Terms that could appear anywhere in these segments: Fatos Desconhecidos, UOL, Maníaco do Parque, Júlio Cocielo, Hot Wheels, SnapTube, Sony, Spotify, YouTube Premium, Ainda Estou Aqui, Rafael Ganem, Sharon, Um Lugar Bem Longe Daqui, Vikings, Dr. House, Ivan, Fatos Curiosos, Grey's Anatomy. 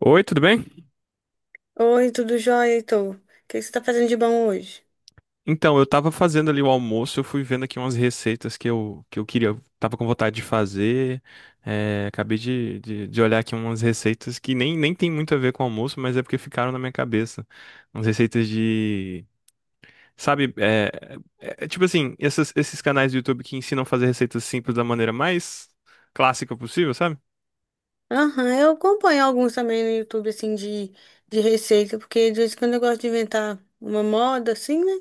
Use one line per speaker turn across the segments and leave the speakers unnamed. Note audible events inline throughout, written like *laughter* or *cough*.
Oi, tudo bem?
Oi, tudo jóia, Heitor? O que que você tá fazendo de bom hoje?
Então, eu tava fazendo ali o almoço, eu fui vendo aqui umas receitas que eu queria, eu tava com vontade de fazer. É, acabei de olhar aqui umas receitas que nem tem muito a ver com almoço, mas é porque ficaram na minha cabeça. Umas receitas de. Sabe, é, é tipo assim, esses canais do YouTube que ensinam a fazer receitas simples da maneira mais clássica possível, sabe?
Aham, eu acompanho alguns também no YouTube, assim, de receita, porque de vez em quando eu gosto de inventar uma moda, assim, né?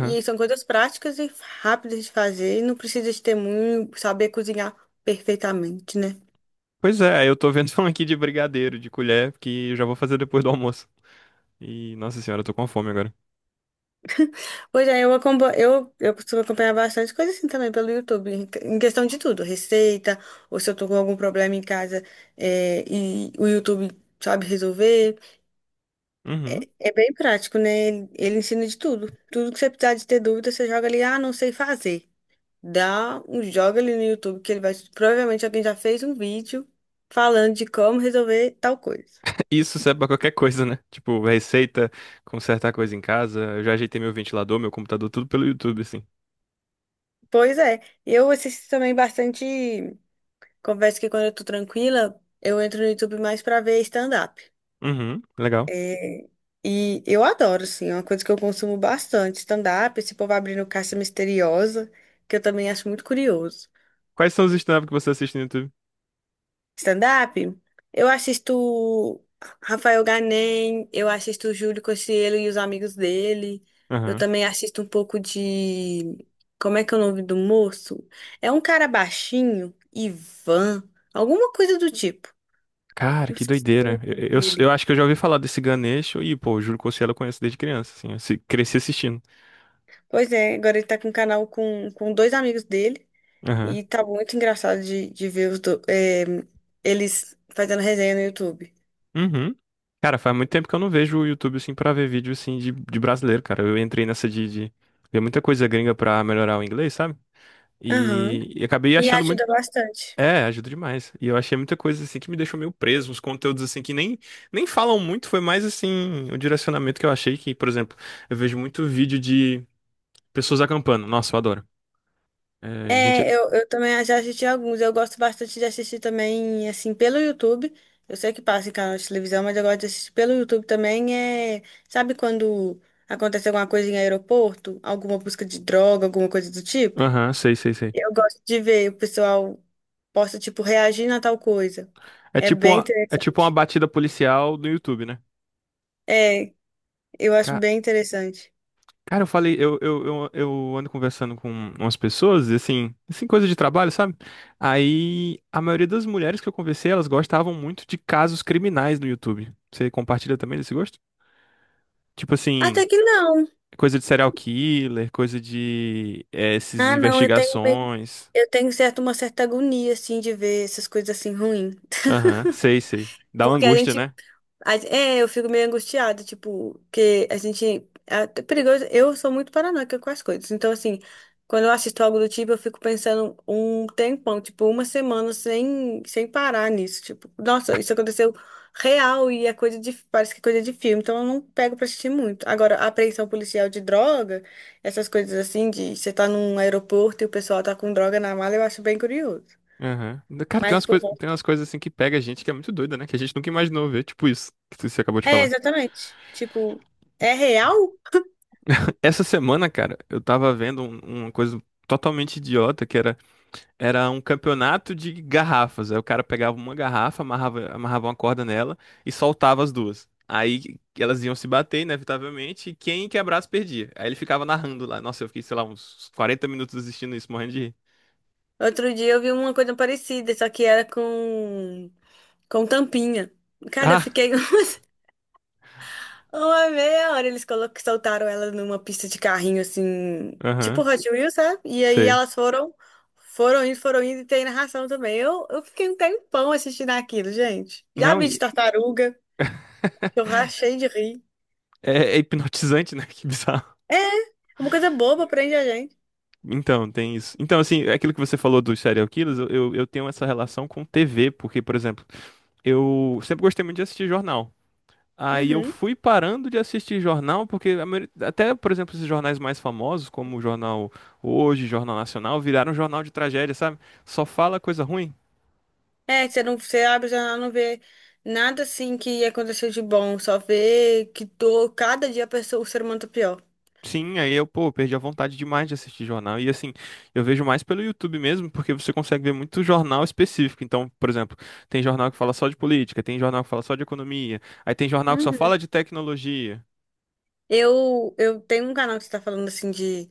E aí são coisas práticas e rápidas de fazer, e não precisa de ter muito, saber cozinhar perfeitamente, né?
Pois é, eu tô vendo *laughs* um aqui de brigadeiro, de colher, que eu já vou fazer depois do almoço. E, nossa senhora, eu tô com fome agora.
Pois é, eu costumo acompanhar bastante coisa assim também pelo YouTube, em questão de tudo, receita, ou se eu tô com algum problema em casa, é, e o YouTube sabe resolver.
Uhum.
É bem prático, né? Ele ensina de tudo. Tudo que você precisar de ter dúvida, você joga ali, ah, não sei fazer. Dá um joga ali no YouTube que ele vai. Provavelmente alguém já fez um vídeo falando de como resolver tal coisa.
Isso serve pra qualquer coisa, né? Tipo, receita, consertar coisa em casa. Eu já ajeitei meu ventilador, meu computador, tudo pelo YouTube, assim.
Pois é, eu assisto também bastante. Confesso que quando eu tô tranquila, eu entro no YouTube mais pra ver stand-up.
Uhum, legal.
É, e eu adoro, assim, é uma coisa que eu consumo bastante, stand-up, esse povo abrindo caça misteriosa, que eu também acho muito curioso.
Quais são os stand-up que você assiste no YouTube?
Stand-up? Eu assisto Rafael Ganem, eu assisto Júlio Cocielo e os amigos dele. Eu
Aham.
também assisto um pouco de. Como é que é o nome do moço? É um cara baixinho, Ivan, alguma coisa do tipo.
Cara,
Eu
que
esqueci o
doideira.
nome
Eu, eu,
dele.
eu acho que eu já ouvi falar desse Ganesh. E, pô, o Júlio Cocielo eu conheço desde criança, assim. Eu se- cresci assistindo.
Pois é, agora ele tá com um canal com, dois amigos dele.
Aham.
E tá muito engraçado de ver eles fazendo resenha no YouTube.
Uhum. Cara, faz muito tempo que eu não vejo o YouTube, assim, pra ver vídeo, assim, de brasileiro, cara. Eu entrei nessa de ver muita coisa gringa pra melhorar o inglês, sabe?
Aham.
E acabei
E
achando
ajuda
muito
bastante.
É, ajuda demais. E eu achei muita coisa assim que me deixou meio preso, uns conteúdos assim que nem falam muito, foi mais assim o direcionamento que eu achei que, por exemplo, eu vejo muito vídeo de pessoas acampando. Nossa, eu adoro. É, gente,
É, eu também já assisti alguns. Eu gosto bastante de assistir também, assim, pelo YouTube. Eu sei que passa em canal de televisão, mas eu gosto de assistir pelo YouTube também. É, sabe quando acontece alguma coisa em aeroporto? Alguma busca de droga, alguma coisa do tipo?
aham, sei, sei, sei.
Eu gosto de ver o pessoal posta, tipo, reagindo a tal coisa.
É
É
tipo
bem
uma, é tipo uma
interessante.
batida policial do YouTube, né?
É, eu acho
Ca-
bem interessante.
Cara, eu falei, eu ando conversando com umas pessoas, e assim, coisa de trabalho, sabe? Aí a maioria das mulheres que eu conversei, elas gostavam muito de casos criminais no YouTube. Você compartilha também desse gosto? Tipo assim,
Até que não.
coisa de serial killer, coisa de essas
Ah, não, eu tenho, meio-
investigações.
eu tenho certo, uma certa agonia, assim, de ver essas coisas assim ruins.
Aham, sei, sei. Dá uma
Porque a
angústia,
gente.
né?
É, eu fico meio angustiada, tipo, que a gente. É até perigoso. Eu sou muito paranoica com as coisas. Então, assim, quando eu assisto algo do tipo, eu fico pensando um tempão, tipo, uma semana sem, parar nisso. Tipo, nossa, isso aconteceu real e é coisa de. Parece que é coisa de filme. Então, eu não pego pra assistir muito. Agora, a apreensão policial de droga, essas coisas assim, de você tá num aeroporto e o pessoal tá com droga na mala, eu acho bem curioso.
Aham. Cara, tem
Mas,
umas
por.
coisas, tem umas coisas assim que pega a gente que é muito doida, né? Que a gente nunca imaginou ver, tipo isso que você acabou de
É,
falar.
exatamente. Tipo, é real?
Essa semana, cara, eu tava vendo uma coisa totalmente idiota que era. Era um campeonato de garrafas. Aí o cara pegava uma garrafa, amarrava uma corda nela e soltava as duas. Aí elas iam se bater, inevitavelmente, e quem quebrasse perdia. Aí ele ficava narrando lá. Nossa, eu fiquei, sei lá, uns 40 minutos assistindo isso, morrendo de rir.
Outro dia eu vi uma coisa parecida, só que era com tampinha.
*laughs*
Cara, eu
Ah!
fiquei *laughs* uma meia hora. Eles soltaram ela numa pista de carrinho, assim, tipo
Aham,
Hot Wheels, sabe? E aí
sei.
elas foram indo, e tem narração também. Eu fiquei um tempão assistindo aquilo, gente. Já
Não,
vi de
e
tartaruga, que eu rachei de rir.
é hipnotizante, né? *laughs* Que bizarro.
É, uma coisa boba, prende a gente.
Então, tem isso. Então, assim, aquilo que você falou dos serial killers, eu tenho essa relação com TV, porque, por exemplo, eu sempre gostei muito de assistir jornal. Aí eu
Uhum.
fui parando de assistir jornal, porque a até, por exemplo, esses jornais mais famosos, como o Jornal Hoje, Jornal Nacional, viraram jornal de tragédia, sabe? Só fala coisa ruim.
É, você não, você abre a janela não vê nada assim que aconteceu de bom, só vê que tô, cada dia a pessoa, o ser humano tá pior.
Sim, aí eu, pô, perdi a vontade demais de assistir jornal. E assim, eu vejo mais pelo YouTube mesmo, porque você consegue ver muito jornal específico. Então, por exemplo, tem jornal que fala só de política, tem jornal que fala só de economia, aí tem jornal que só fala de tecnologia.
Eu tenho um canal que você tá falando assim de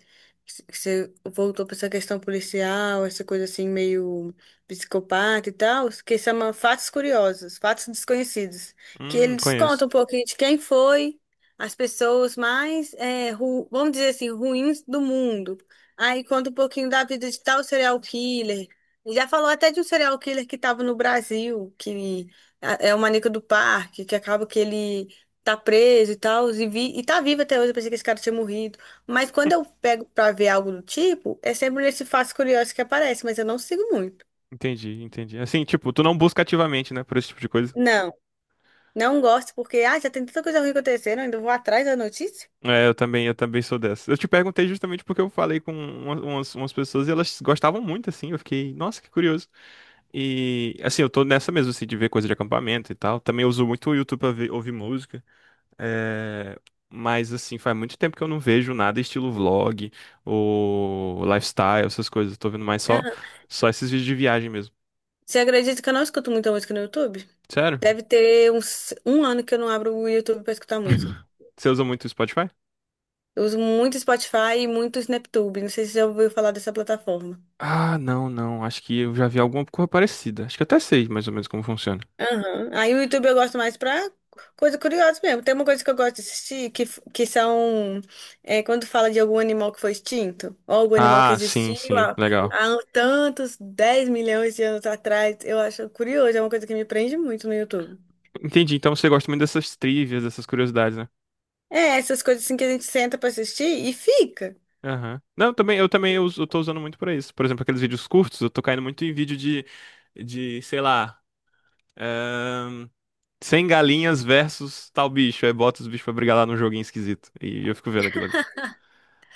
que você voltou pra essa questão policial, essa coisa assim meio psicopata e tal, que chama Fatos Curiosos, Fatos Desconhecidos, que ele
Conheço.
desconta um pouquinho de quem foi as pessoas mais, vamos dizer assim, ruins do mundo. Aí conta um pouquinho da vida de tal serial killer. Já falou até de um serial killer que estava no Brasil, que ah, é o Maníaco do Parque, que acaba que ele tá preso e tal, e tá vivo até hoje, eu pensei que esse cara tinha morrido. Mas quando eu pego pra ver algo do tipo, é sempre nesse fato curioso que aparece, mas eu não sigo muito.
Entendi, entendi. Assim, tipo, tu não busca ativamente, né, por esse tipo de coisa.
Não, não gosto, porque, ah, já tem tanta coisa ruim acontecendo, ainda vou atrás da notícia?
É, eu também sou dessa. Eu te perguntei justamente porque eu falei com umas pessoas e elas gostavam muito, assim. Eu fiquei, nossa, que curioso. E, assim, eu tô nessa mesmo, assim, de ver coisa de acampamento e tal. Também uso muito o YouTube pra ouvir música. É, mas, assim, faz muito tempo que eu não vejo nada estilo vlog ou lifestyle, essas coisas. Eu tô vendo mais só,
Aham.
só esses vídeos de viagem mesmo.
Você acredita que eu não escuto muita música no YouTube?
Sério?
Deve ter uns um ano que eu não abro o YouTube pra escutar música.
*laughs* Você usa muito o Spotify?
Eu uso muito Spotify e muito SnapTube, não sei se você já ouviu falar dessa plataforma.
Ah, não, não. Acho que eu já vi alguma coisa parecida. Acho que eu até sei mais ou menos como funciona.
Aham. Aí o YouTube eu gosto mais pra coisa curiosa mesmo. Tem uma coisa que eu gosto de assistir que, f- que são é, quando fala de algum animal que foi extinto, ou algum animal que
Ah, sim,
existiu
sim,
há,
legal.
há um tantos 10 milhões de anos atrás. Eu acho curioso, é uma coisa que me prende muito no YouTube.
Entendi. Então você gosta muito dessas trivias, dessas curiosidades, né?
É, essas coisas assim que a gente senta pra assistir e fica.
Aham. Não, também, eu também eu tô usando muito pra isso. Por exemplo, aqueles vídeos curtos, eu tô caindo muito em vídeo de, sei lá, ahn, 100 galinhas versus tal bicho. Aí bota os bichos pra brigar lá num joguinho esquisito. E eu fico vendo aquilo ali.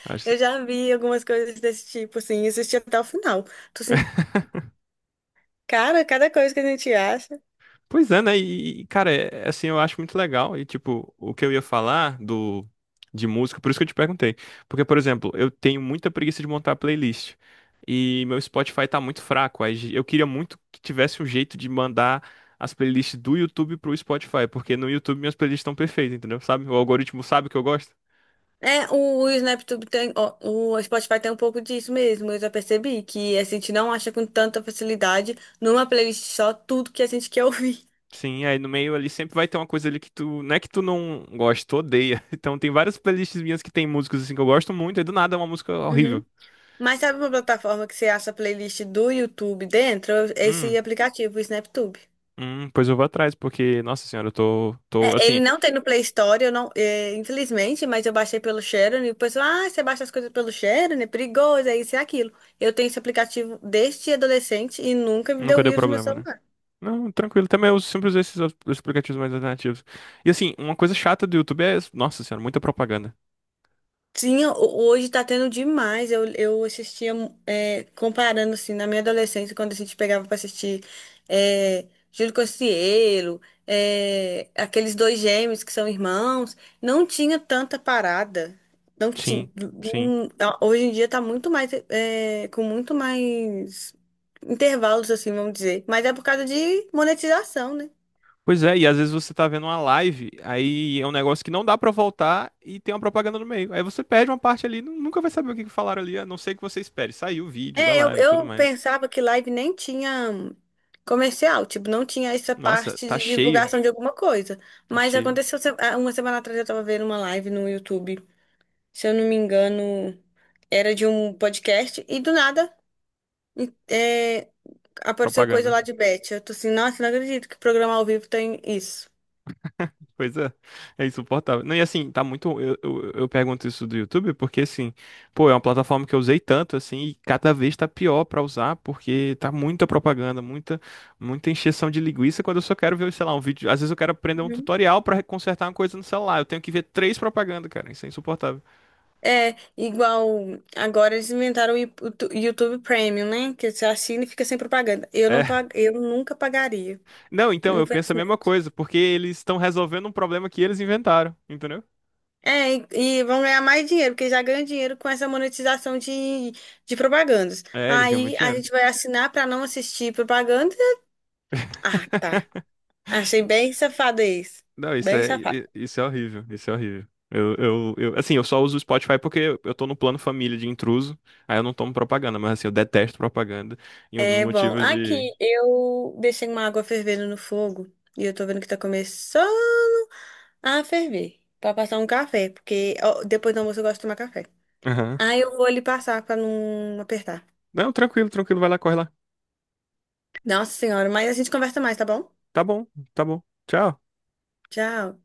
Acho.
Eu já vi algumas coisas desse tipo, assim, e assisti até o final. Tô assim, cara, cada coisa que a gente acha.
Pois é, né? E, cara, é, assim, eu acho muito legal. E, tipo, o que eu ia falar do de música, por isso que eu te perguntei. Porque, por exemplo, eu tenho muita preguiça de montar playlist. E meu Spotify tá muito fraco. Aí eu queria muito que tivesse um jeito de mandar as playlists do YouTube pro Spotify. Porque no YouTube minhas playlists estão perfeitas, entendeu? Sabe? O algoritmo sabe que eu gosto.
É, o SnapTube tem, ó, o Spotify tem um pouco disso mesmo, eu já percebi, que a gente não acha com tanta facilidade numa playlist só tudo que a gente quer ouvir.
Sim, aí no meio ali sempre vai ter uma coisa ali que tu. Não é que tu não gosta, tu odeia. *laughs* Então tem várias playlists minhas que tem músicas assim que eu gosto muito, e do nada é uma música
Uhum.
horrível.
Mas sabe uma plataforma que você acha a playlist do YouTube dentro? Esse
Hum.
aplicativo, o SnapTube.
Pois eu vou atrás, porque, nossa senhora, eu tô,
É, ele
assim,
não tem no Play Store, eu não, é, infelizmente, mas eu baixei pelo Sharon e o pessoal, ah, você baixa as coisas pelo Sharon, é perigoso, é isso e aquilo. Eu tenho esse aplicativo desde adolescente e nunca me
nunca
deu
deu
vírus no meu
problema, né?
celular.
Não, tranquilo, também eu sempre usei esses os aplicativos mais alternativos. E assim, uma coisa chata do YouTube é, nossa senhora, muita propaganda.
Tinha, hoje tá tendo demais. Eu assistia, é, comparando assim, na minha adolescência, quando a gente pegava pra assistir é, Júlio Cocielo, aqueles dois gêmeos que são irmãos, não tinha tanta parada. Não tinha.
Sim, sim.
Hoje em dia tá muito mais, com muito mais intervalos, assim, vamos dizer. Mas é por causa de monetização, né?
Pois é, e às vezes você tá vendo uma live, aí é um negócio que não dá pra voltar e tem uma propaganda no meio. Aí você perde uma parte ali, nunca vai saber o que que falaram ali, a não ser que você espere. Saiu o vídeo da
É, eu,
live e tudo
eu
mais.
pensava que live nem tinha comercial, tipo, não tinha essa
Nossa,
parte
tá
de
cheio,
divulgação de alguma coisa.
tá
Mas
cheio.
aconteceu, uma semana atrás eu tava vendo uma live no YouTube, se eu não me engano, era de um podcast, e do nada e- é, apareceu coisa
Propaganda.
lá de Beth. Eu tô assim, nossa, não acredito que programa ao vivo tem isso.
Coisa é insuportável. Não, e assim, tá muito. Eu pergunto isso do YouTube porque, assim, pô, é uma plataforma que eu usei tanto, assim, e cada vez tá pior pra usar porque tá muita propaganda, muita encheção de linguiça. Quando eu só quero ver, sei lá, um vídeo. Às vezes eu quero aprender um
Uhum.
tutorial pra consertar uma coisa no celular. Eu tenho que ver três propagandas, cara. Isso é insuportável.
É, igual agora eles inventaram o YouTube Premium, né? Que você assina e fica sem propaganda. Eu
É.
não pag...
*laughs*
eu nunca pagaria.
Não, então, eu penso a mesma coisa porque eles estão resolvendo um problema que eles inventaram, entendeu?
É, e vão ganhar mais dinheiro, porque já ganham dinheiro com essa monetização de, propagandas.
É, eles ganham muito
Aí a
dinheiro.
gente vai assinar para não assistir propaganda. Ah, tá. Achei bem safado isso.
Não, isso
Bem
é,
safado.
isso é horrível, isso é horrível. Eu, assim, eu só uso o Spotify porque eu tô no plano família de intruso, aí eu não tomo propaganda, mas assim, eu detesto propaganda. E um dos
É bom.
motivos de.
Aqui eu deixei uma água fervendo no fogo e eu tô vendo que tá começando a ferver pra passar um café, porque ó, depois do almoço eu gosto de tomar café.
Aham.
Aí eu vou ali passar pra não apertar.
Não, tranquilo, tranquilo, vai lá, corre lá.
Nossa senhora, mas a gente conversa mais, tá bom?
Tá bom, tá bom. Tchau.
Tchau.